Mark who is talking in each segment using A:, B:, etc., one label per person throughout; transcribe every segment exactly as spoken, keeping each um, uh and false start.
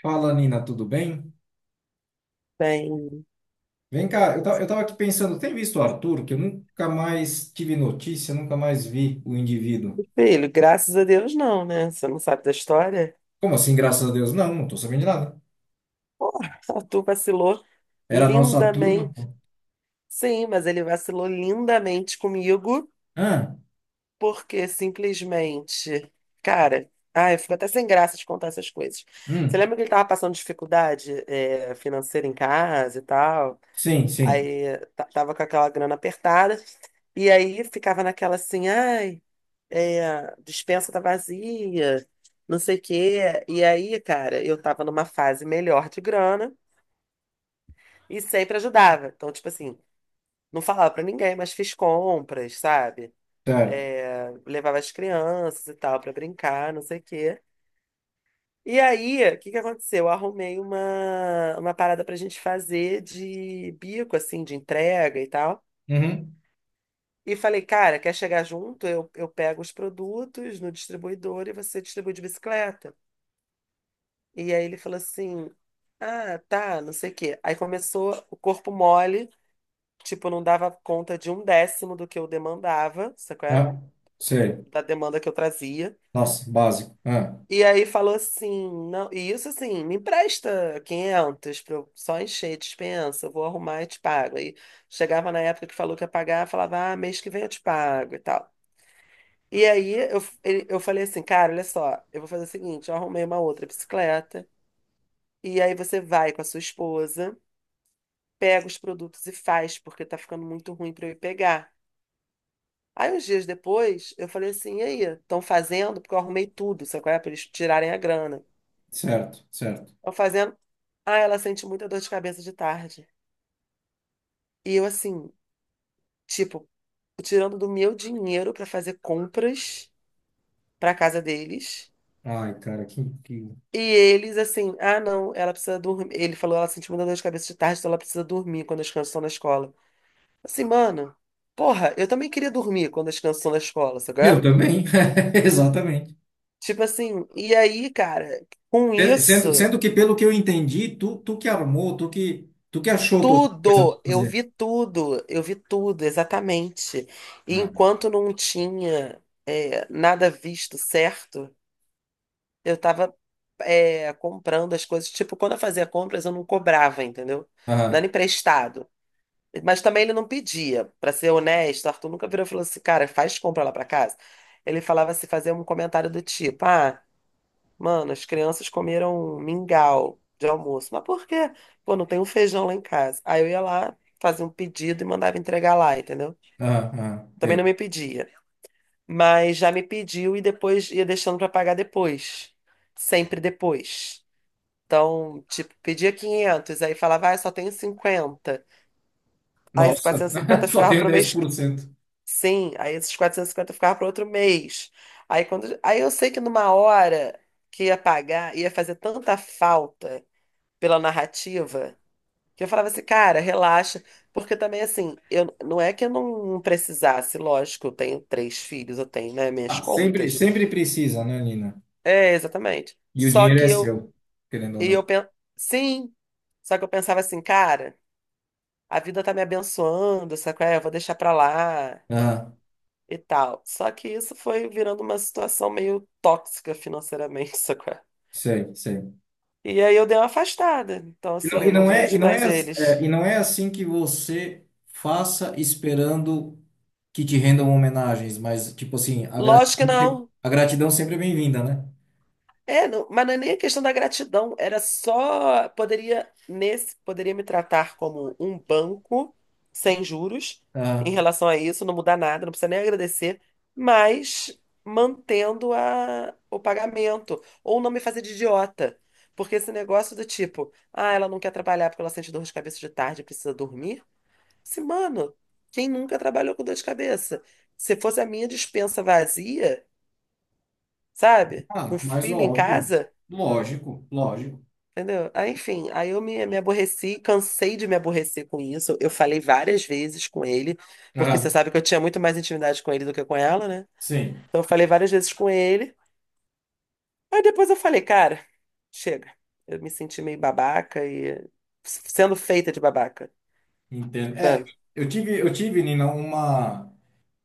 A: Fala, Nina, tudo bem?
B: Tem.
A: Vem cá, eu ta- eu tava aqui pensando, tem visto o Arthur, que eu nunca mais tive notícia, nunca mais vi o indivíduo.
B: Filho, graças a Deus não, né? Você não sabe da história?
A: Como assim, graças a Deus? Não, não tô sabendo de nada.
B: Porra, tu vacilou
A: Era a nossa turma.
B: lindamente. Sim, mas ele vacilou lindamente comigo,
A: Ah,
B: porque simplesmente. Cara, ai, eu fico até sem graça de contar essas coisas. Você
A: hum,
B: lembra que ele tava passando dificuldade, é, financeira em casa e tal?
A: sim, sim,
B: Aí tá- tava com aquela grana apertada. E aí ficava naquela assim, ai. É, dispensa tá vazia, não sei o quê. E aí, cara, eu tava numa fase melhor de grana e sempre ajudava. Então, tipo assim, não falava pra ninguém, mas fiz compras, sabe?
A: certo.
B: É, levava as crianças e tal pra brincar, não sei o quê. E aí, o que que aconteceu? Eu arrumei uma, uma parada pra gente fazer de bico, assim, de entrega e tal.
A: Uhum,
B: E falei, cara, quer chegar junto? Eu, eu pego os produtos no distribuidor e você distribui de bicicleta. E aí ele falou assim: Ah, tá, não sei o quê. Aí começou o corpo mole, tipo, não dava conta de um décimo do que eu demandava, sabe qual é?
A: ah,
B: Do que eu-
A: sei.
B: da demanda que eu trazia.
A: Nossa, básico. Ah,
B: E aí falou assim: Não, e isso assim, me empresta quinhentos pra eu só encher a dispensa, eu vou arrumar e te pago. Aí chegava na época que falou que ia pagar, falava: Ah, mês que vem eu te pago e tal. E aí eu, ele- eu falei assim: Cara, olha só, eu vou fazer o seguinte: eu arrumei uma outra bicicleta. E aí você vai com a sua esposa, pega os produtos e faz, porque tá ficando muito ruim para eu ir pegar. Aí, uns dias depois, eu falei assim: e aí, estão fazendo? Porque eu arrumei tudo, sabe qual é? Para eles tirarem a grana.
A: certo, certo.
B: Estão fazendo. Ah, ela sente muita dor de cabeça de tarde. E eu, assim, tipo, tirando do meu dinheiro para fazer compras para casa deles.
A: Ai, cara, que, que...
B: E eles, assim, ah, não, ela precisa dormir. Ele falou: ela sente muita dor de cabeça de tarde, então ela precisa dormir quando as crianças estão na escola. Assim, mano, porra, eu também queria dormir quando as crianças estão na escola, sabe qual
A: Eu
B: é?
A: também, exatamente.
B: Tipo assim, e aí, cara, com
A: Eh, Sendo,
B: isso,
A: sendo que, pelo que eu entendi, tu, tu que armou, tu que, tu que achou toda a coisa pra
B: tudo, eu
A: fazer.
B: vi tudo, eu vi tudo, exatamente. E
A: Ah.
B: enquanto não tinha é, nada visto certo, eu tava é, comprando as coisas. Tipo, quando eu fazia compras, eu não cobrava, entendeu? Não era
A: Aham.
B: emprestado. Mas também ele não pedia. Pra ser honesto, o Arthur nunca virou e falou assim, cara, faz compra lá pra casa. Ele falava assim, fazia um comentário do tipo, ah. Mano, as crianças comeram mingau de almoço. Mas por quê? Pô, não tem um feijão lá em casa. Aí eu ia lá, fazia um pedido e mandava entregar lá, entendeu?
A: Ah, ah,
B: Também
A: tem.
B: não me pedia. Mas já me pediu e depois ia deixando pra pagar depois. Sempre depois. Então, tipo, pedia quinhentos, aí falava, ah, só tenho cinquenta. Aí esses
A: Nossa,
B: quatrocentos e cinquenta
A: só
B: ficava
A: tenho
B: pro
A: dez
B: mês.
A: por cento
B: Sim, aí esses quatrocentos e cinquenta ficava pro outro mês. Aí quando, aí eu sei que numa hora que ia pagar, ia fazer tanta falta pela narrativa, que eu falava assim, cara, relaxa, porque também assim, eu não é que eu não precisasse, lógico, eu tenho três filhos, eu tenho, né, minhas
A: Ah, sempre,
B: contas.
A: sempre precisa, né, Nina?
B: É, exatamente.
A: E o
B: Só
A: dinheiro
B: que
A: é
B: eu
A: seu, querendo ou
B: e eu
A: não.
B: pen... Sim, só que eu pensava assim, cara, a vida tá me abençoando, sabe qual é? Eu vou deixar pra lá
A: Ah,
B: e tal. Só que isso foi virando uma situação meio tóxica financeiramente, sabe qual é?
A: sei, sei.
B: E aí eu dei uma afastada. Então
A: E não,
B: assim, eu
A: e
B: não
A: não é, e
B: vejo
A: não é,
B: mais
A: ass-
B: eles.
A: é, e não é assim que você faça esperando que te rendam homenagens, mas, tipo assim, a
B: Lógico que
A: gratidão, se-
B: não.
A: a gratidão sempre é bem-vinda, né?
B: É, não- mas não é nem a questão da gratidão, era só poderia nesse poderia me tratar como um banco sem juros em
A: Ah,
B: relação a isso, não mudar nada, não precisa nem agradecer, mas mantendo a, o pagamento ou não me fazer de idiota, porque esse negócio do tipo, ah, ela não quer trabalhar porque ela sente dor de cabeça de tarde, e precisa dormir. Se, Mano, quem nunca trabalhou com dor de cabeça? Se fosse a minha despensa vazia, sabe?
A: ah,
B: Com
A: mas
B: filho em
A: óbvio.
B: casa.
A: Lógico, lógico.
B: Entendeu? Aí, enfim, aí eu me, me aborreci, cansei de me aborrecer com isso. Eu falei várias vezes com ele, porque você
A: Ah,
B: sabe que eu tinha muito mais intimidade com ele do que com ela, né?
A: sim,
B: Então eu falei várias vezes com ele. Aí depois eu falei, cara, chega. Eu me senti meio babaca e sendo feita de babaca,
A: entendo. É,
B: sabe?
A: eu tive, eu tive, Nina, uma.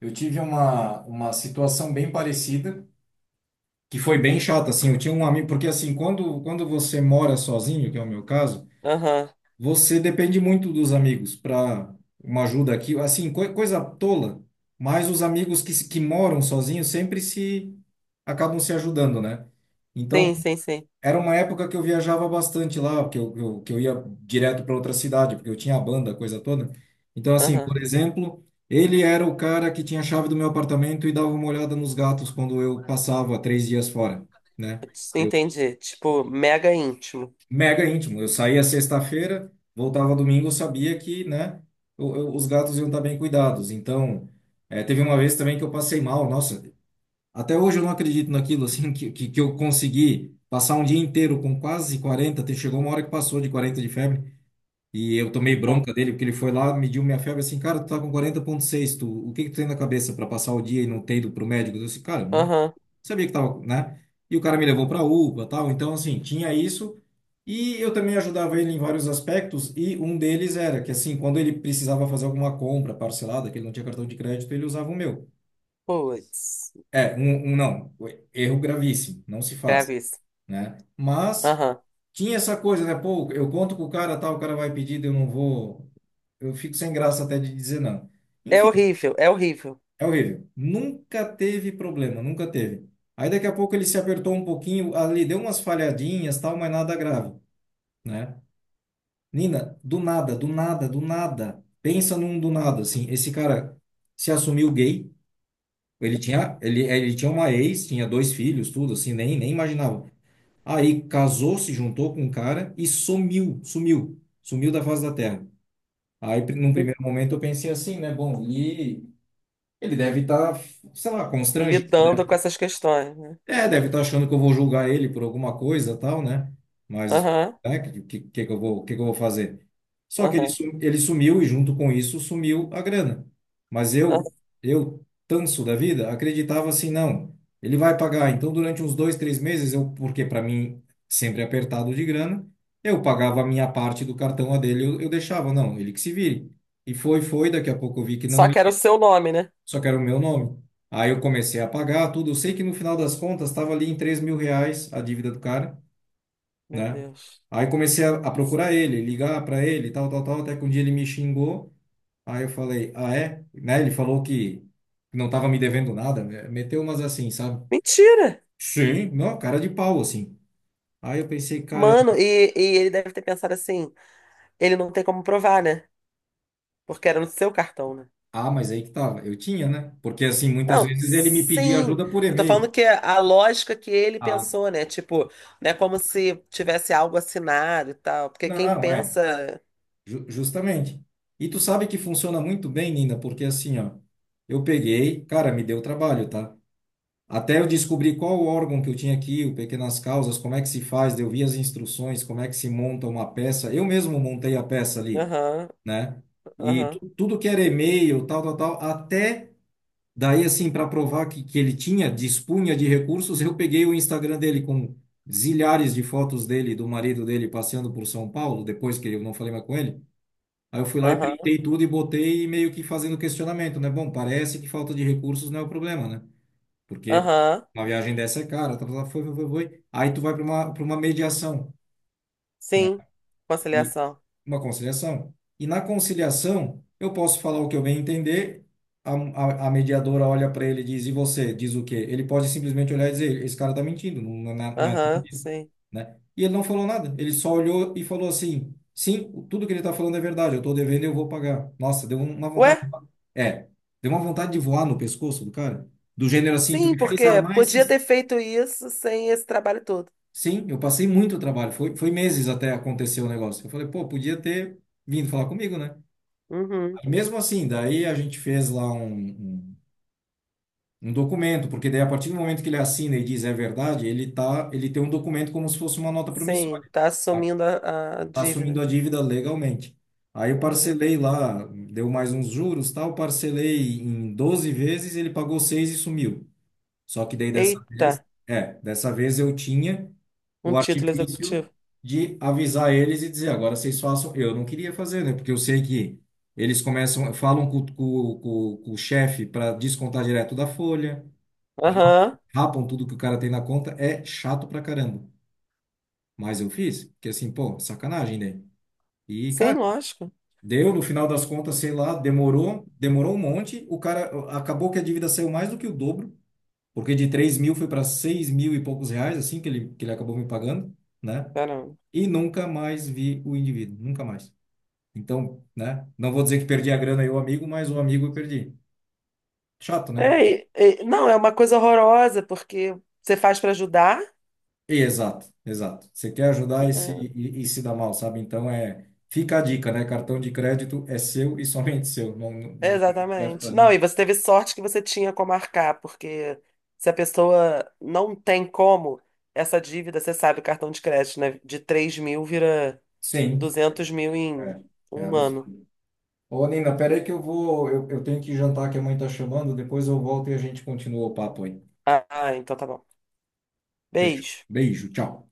A: Eu tive uma, uma situação bem parecida, que foi bem chata, assim. Eu tinha um amigo, porque assim, quando, quando você mora sozinho, que é o meu caso,
B: Aham.
A: você depende muito dos amigos para uma ajuda aqui, assim, coi- coisa tola, mas os amigos que, se- que moram sozinhos sempre se acabam se ajudando, né? Então,
B: Sim, sim, sim.
A: era uma época que eu viajava bastante lá, que eu, eu- que eu ia direto para outra cidade, porque eu tinha a banda, a coisa toda. Então, assim,
B: Aham.
A: por exemplo, ele era o cara que tinha a chave do meu apartamento e dava uma olhada nos gatos quando eu passava três dias fora, né? Eu,
B: Entendi. Tipo, mega íntimo.
A: mega íntimo. Eu saía sexta-feira, voltava domingo, eu sabia que, né, o- eu- os gatos iam estar bem cuidados. Então, eh, teve uma vez também que eu passei mal. Nossa, até hoje eu não acredito naquilo, assim, que, que, que eu consegui passar um dia inteiro com quase quarenta até chegou uma hora que passou de quarenta de febre, e eu tomei
B: Tá.
A: bronca dele, porque ele foi lá, mediu minha febre, assim, cara, tu tá com quarenta vírgula seis, tu, o que que tu tem na cabeça para passar o dia e não ter ido pro médico? Eu disse, cara, eu não
B: Aham.
A: sabia que tava, né? E o cara me levou
B: Aham.
A: pra UPA, tal, então, assim, tinha isso, e eu também ajudava ele em vários aspectos, e um deles era que, assim, quando ele precisava fazer alguma compra parcelada, que ele não tinha cartão de crédito, ele usava o meu.
B: Putz,
A: É, um, um não, erro gravíssimo, não se faz,
B: grave isso.
A: né? Mas
B: Aham.
A: tinha essa coisa, né? Pô, eu conto com o cara, tal, o cara vai pedir, eu não vou. Eu fico sem graça até de dizer não.
B: É
A: Enfim,
B: horrível, é horrível.
A: é horrível. Nunca teve problema, nunca teve. Aí daqui a pouco ele se apertou um pouquinho, ali deu umas falhadinhas, tal, mas nada grave, né? Nina, do nada, do nada, do nada. Pensa num do nada, assim. Esse cara se assumiu gay. Ele tinha, ele, ele tinha uma ex, tinha dois filhos, tudo assim, nem, nem imaginava. Aí casou, se juntou com um cara e sumiu, sumiu, sumiu da face da terra. Aí, pri- num primeiro momento, eu pensei assim, né? Bom, e ele deve estar, sei lá, constrangido, né?
B: Lidando com essas questões, né?
A: É, deve estar achando que eu vou julgar ele por alguma coisa, tal, né? Mas
B: Aham,
A: é, que, que, que que eu vou, que que eu vou fazer? Só que ele,
B: aham,
A: sum- ele sumiu e junto com isso sumiu a grana. Mas eu,
B: aham.
A: eu, tanso da vida, acreditava assim, não, ele vai pagar. Então, durante uns dois, três meses, eu, porque para mim sempre é apertado de grana, eu pagava a minha parte do cartão a dele, eu, eu deixava, não, ele que se vire. E foi, foi, daqui a pouco eu vi que
B: Só
A: não
B: que era o seu nome, né?
A: só que era o meu nome. Aí eu comecei a pagar tudo. Eu sei que no final das contas estava ali em três mil reais a dívida do cara,
B: Meu
A: né?
B: Deus.
A: Aí comecei a, a procurar ele, ligar para ele, tal, tal, tal, até que um dia ele me xingou. Aí eu falei, ah, é? Né? Ele falou que não estava me devendo nada, né? Meteu umas assim, sabe?
B: Mentira!
A: Sim. Não, cara de pau, assim. Aí eu pensei, cara,
B: Mano, e, e ele deve ter pensado assim, ele não tem como provar, né? Porque era no seu cartão, né?
A: ah, mas aí que tava. Eu tinha, né? Porque assim, muitas
B: Não,
A: vezes ele me pedia
B: sim.
A: ajuda por
B: Eu tô
A: e-mail.
B: falando que a lógica que ele
A: Ah,
B: pensou, né? Tipo, não é como se tivesse algo assinado e tal. Porque quem
A: não, é.
B: pensa.
A: Ju- Justamente. E tu sabe que funciona muito bem, Nina, porque assim, ó, eu peguei, cara, me deu trabalho, tá? Até eu descobri qual o órgão que eu tinha aqui, o Pequenas Causas, como é que se faz, eu vi as instruções, como é que se monta uma peça. Eu mesmo montei a peça ali,
B: Aham,
A: né? E
B: aham,
A: tu- tudo que era e-mail, tal, tal, tal, até daí, assim, para provar que, que ele tinha, dispunha de recursos, eu peguei o Instagram dele com zilhares de fotos dele, e do marido dele passeando por São Paulo, depois que eu não falei mais com ele. Aí eu fui lá e
B: aham,
A: printei tudo e botei e meio que fazendo questionamento, né? Bom, parece que falta de recursos não é o problema, né? Porque
B: aham.
A: uma viagem dessa é cara, tá, tá, tá, foi, foi, foi, foi. Aí tu vai para uma, para uma mediação, né?
B: Sim.
A: E
B: Conciliação.
A: uma conciliação. E na conciliação, eu posso falar o que eu bem entender, a, a, a mediadora olha para ele e diz, e você? Diz o quê? Ele pode simplesmente olhar e dizer, esse cara tá mentindo, não, não, é não é nada
B: Aham,
A: disso,
B: sim.
A: né? E ele não falou nada, ele só olhou e falou assim... Sim, tudo que ele está falando é verdade. Eu estou devendo e eu vou pagar. Nossa, deu um, uma
B: Ué?
A: vontade é, deu uma vontade de voar no pescoço do cara. Do gênero assim, tu
B: Sim,
A: me fez
B: porque
A: armar
B: podia
A: esse.
B: ter feito isso sem esse trabalho todo.
A: Sim, eu passei muito trabalho. Foi, foi meses até acontecer o negócio. Eu falei, pô, podia ter vindo falar comigo, né?
B: Uhum.
A: Aí, mesmo assim, daí a gente fez lá um, um, um documento, porque daí a partir do momento que ele assina e diz é verdade, ele tá, ele tem um documento como se fosse uma nota
B: Sim,
A: promissória.
B: tá
A: Tá
B: assumindo a, a
A: tá assumindo
B: dívida.
A: a dívida legalmente. Aí eu
B: Uhum.
A: parcelei lá, deu mais uns juros, tal, parcelei em doze vezes, ele pagou seis e sumiu. Só que daí dessa
B: Eita,
A: vez, é, dessa vez eu tinha
B: um
A: o
B: título
A: artifício
B: executivo.
A: de avisar eles e dizer, agora vocês façam. Eu não queria fazer, né? Porque eu sei que eles começam, falam com, com, com, com o chefe para descontar direto da folha,
B: Aham.
A: rapam tudo que o cara tem na conta, é chato pra caramba. Mas eu fiz, porque assim, pô, sacanagem, né? E,
B: Sim,
A: cara,
B: lógico.
A: deu no final das contas, sei lá, demorou, demorou um monte, o cara acabou que a dívida saiu mais do que o dobro. Porque de três mil foi para seis mil e poucos reais, assim, que ele, que ele acabou me pagando, né?
B: Caramba.
A: E nunca mais vi o indivíduo, nunca mais. Então, né? Não vou dizer que perdi a grana e o amigo, mas o amigo eu perdi. Chato, né?
B: É, e- e- não, é uma coisa horrorosa, porque você faz para ajudar,
A: Exato, exato. Você quer ajudar e se,
B: né?
A: e, e se dá mal, sabe? Então, é... fica a dica, né? Cartão de crédito é seu e somente seu. Não, não, não empresta
B: Exatamente.
A: pra
B: Não,
A: ninguém.
B: e você teve sorte que você tinha como arcar, porque se a pessoa não tem como, essa dívida, você sabe, o cartão de crédito, né? De três mil vira
A: Sim,
B: duzentos mil em
A: é. É
B: um ano.
A: absurdo. Ô, Nina, peraí que eu vou... Eu, eu tenho que jantar que a mãe tá chamando. Depois eu volto e a gente continua o papo aí.
B: Ah, ah, então tá bom.
A: Fechou.
B: Beijo.
A: Beijo, tchau.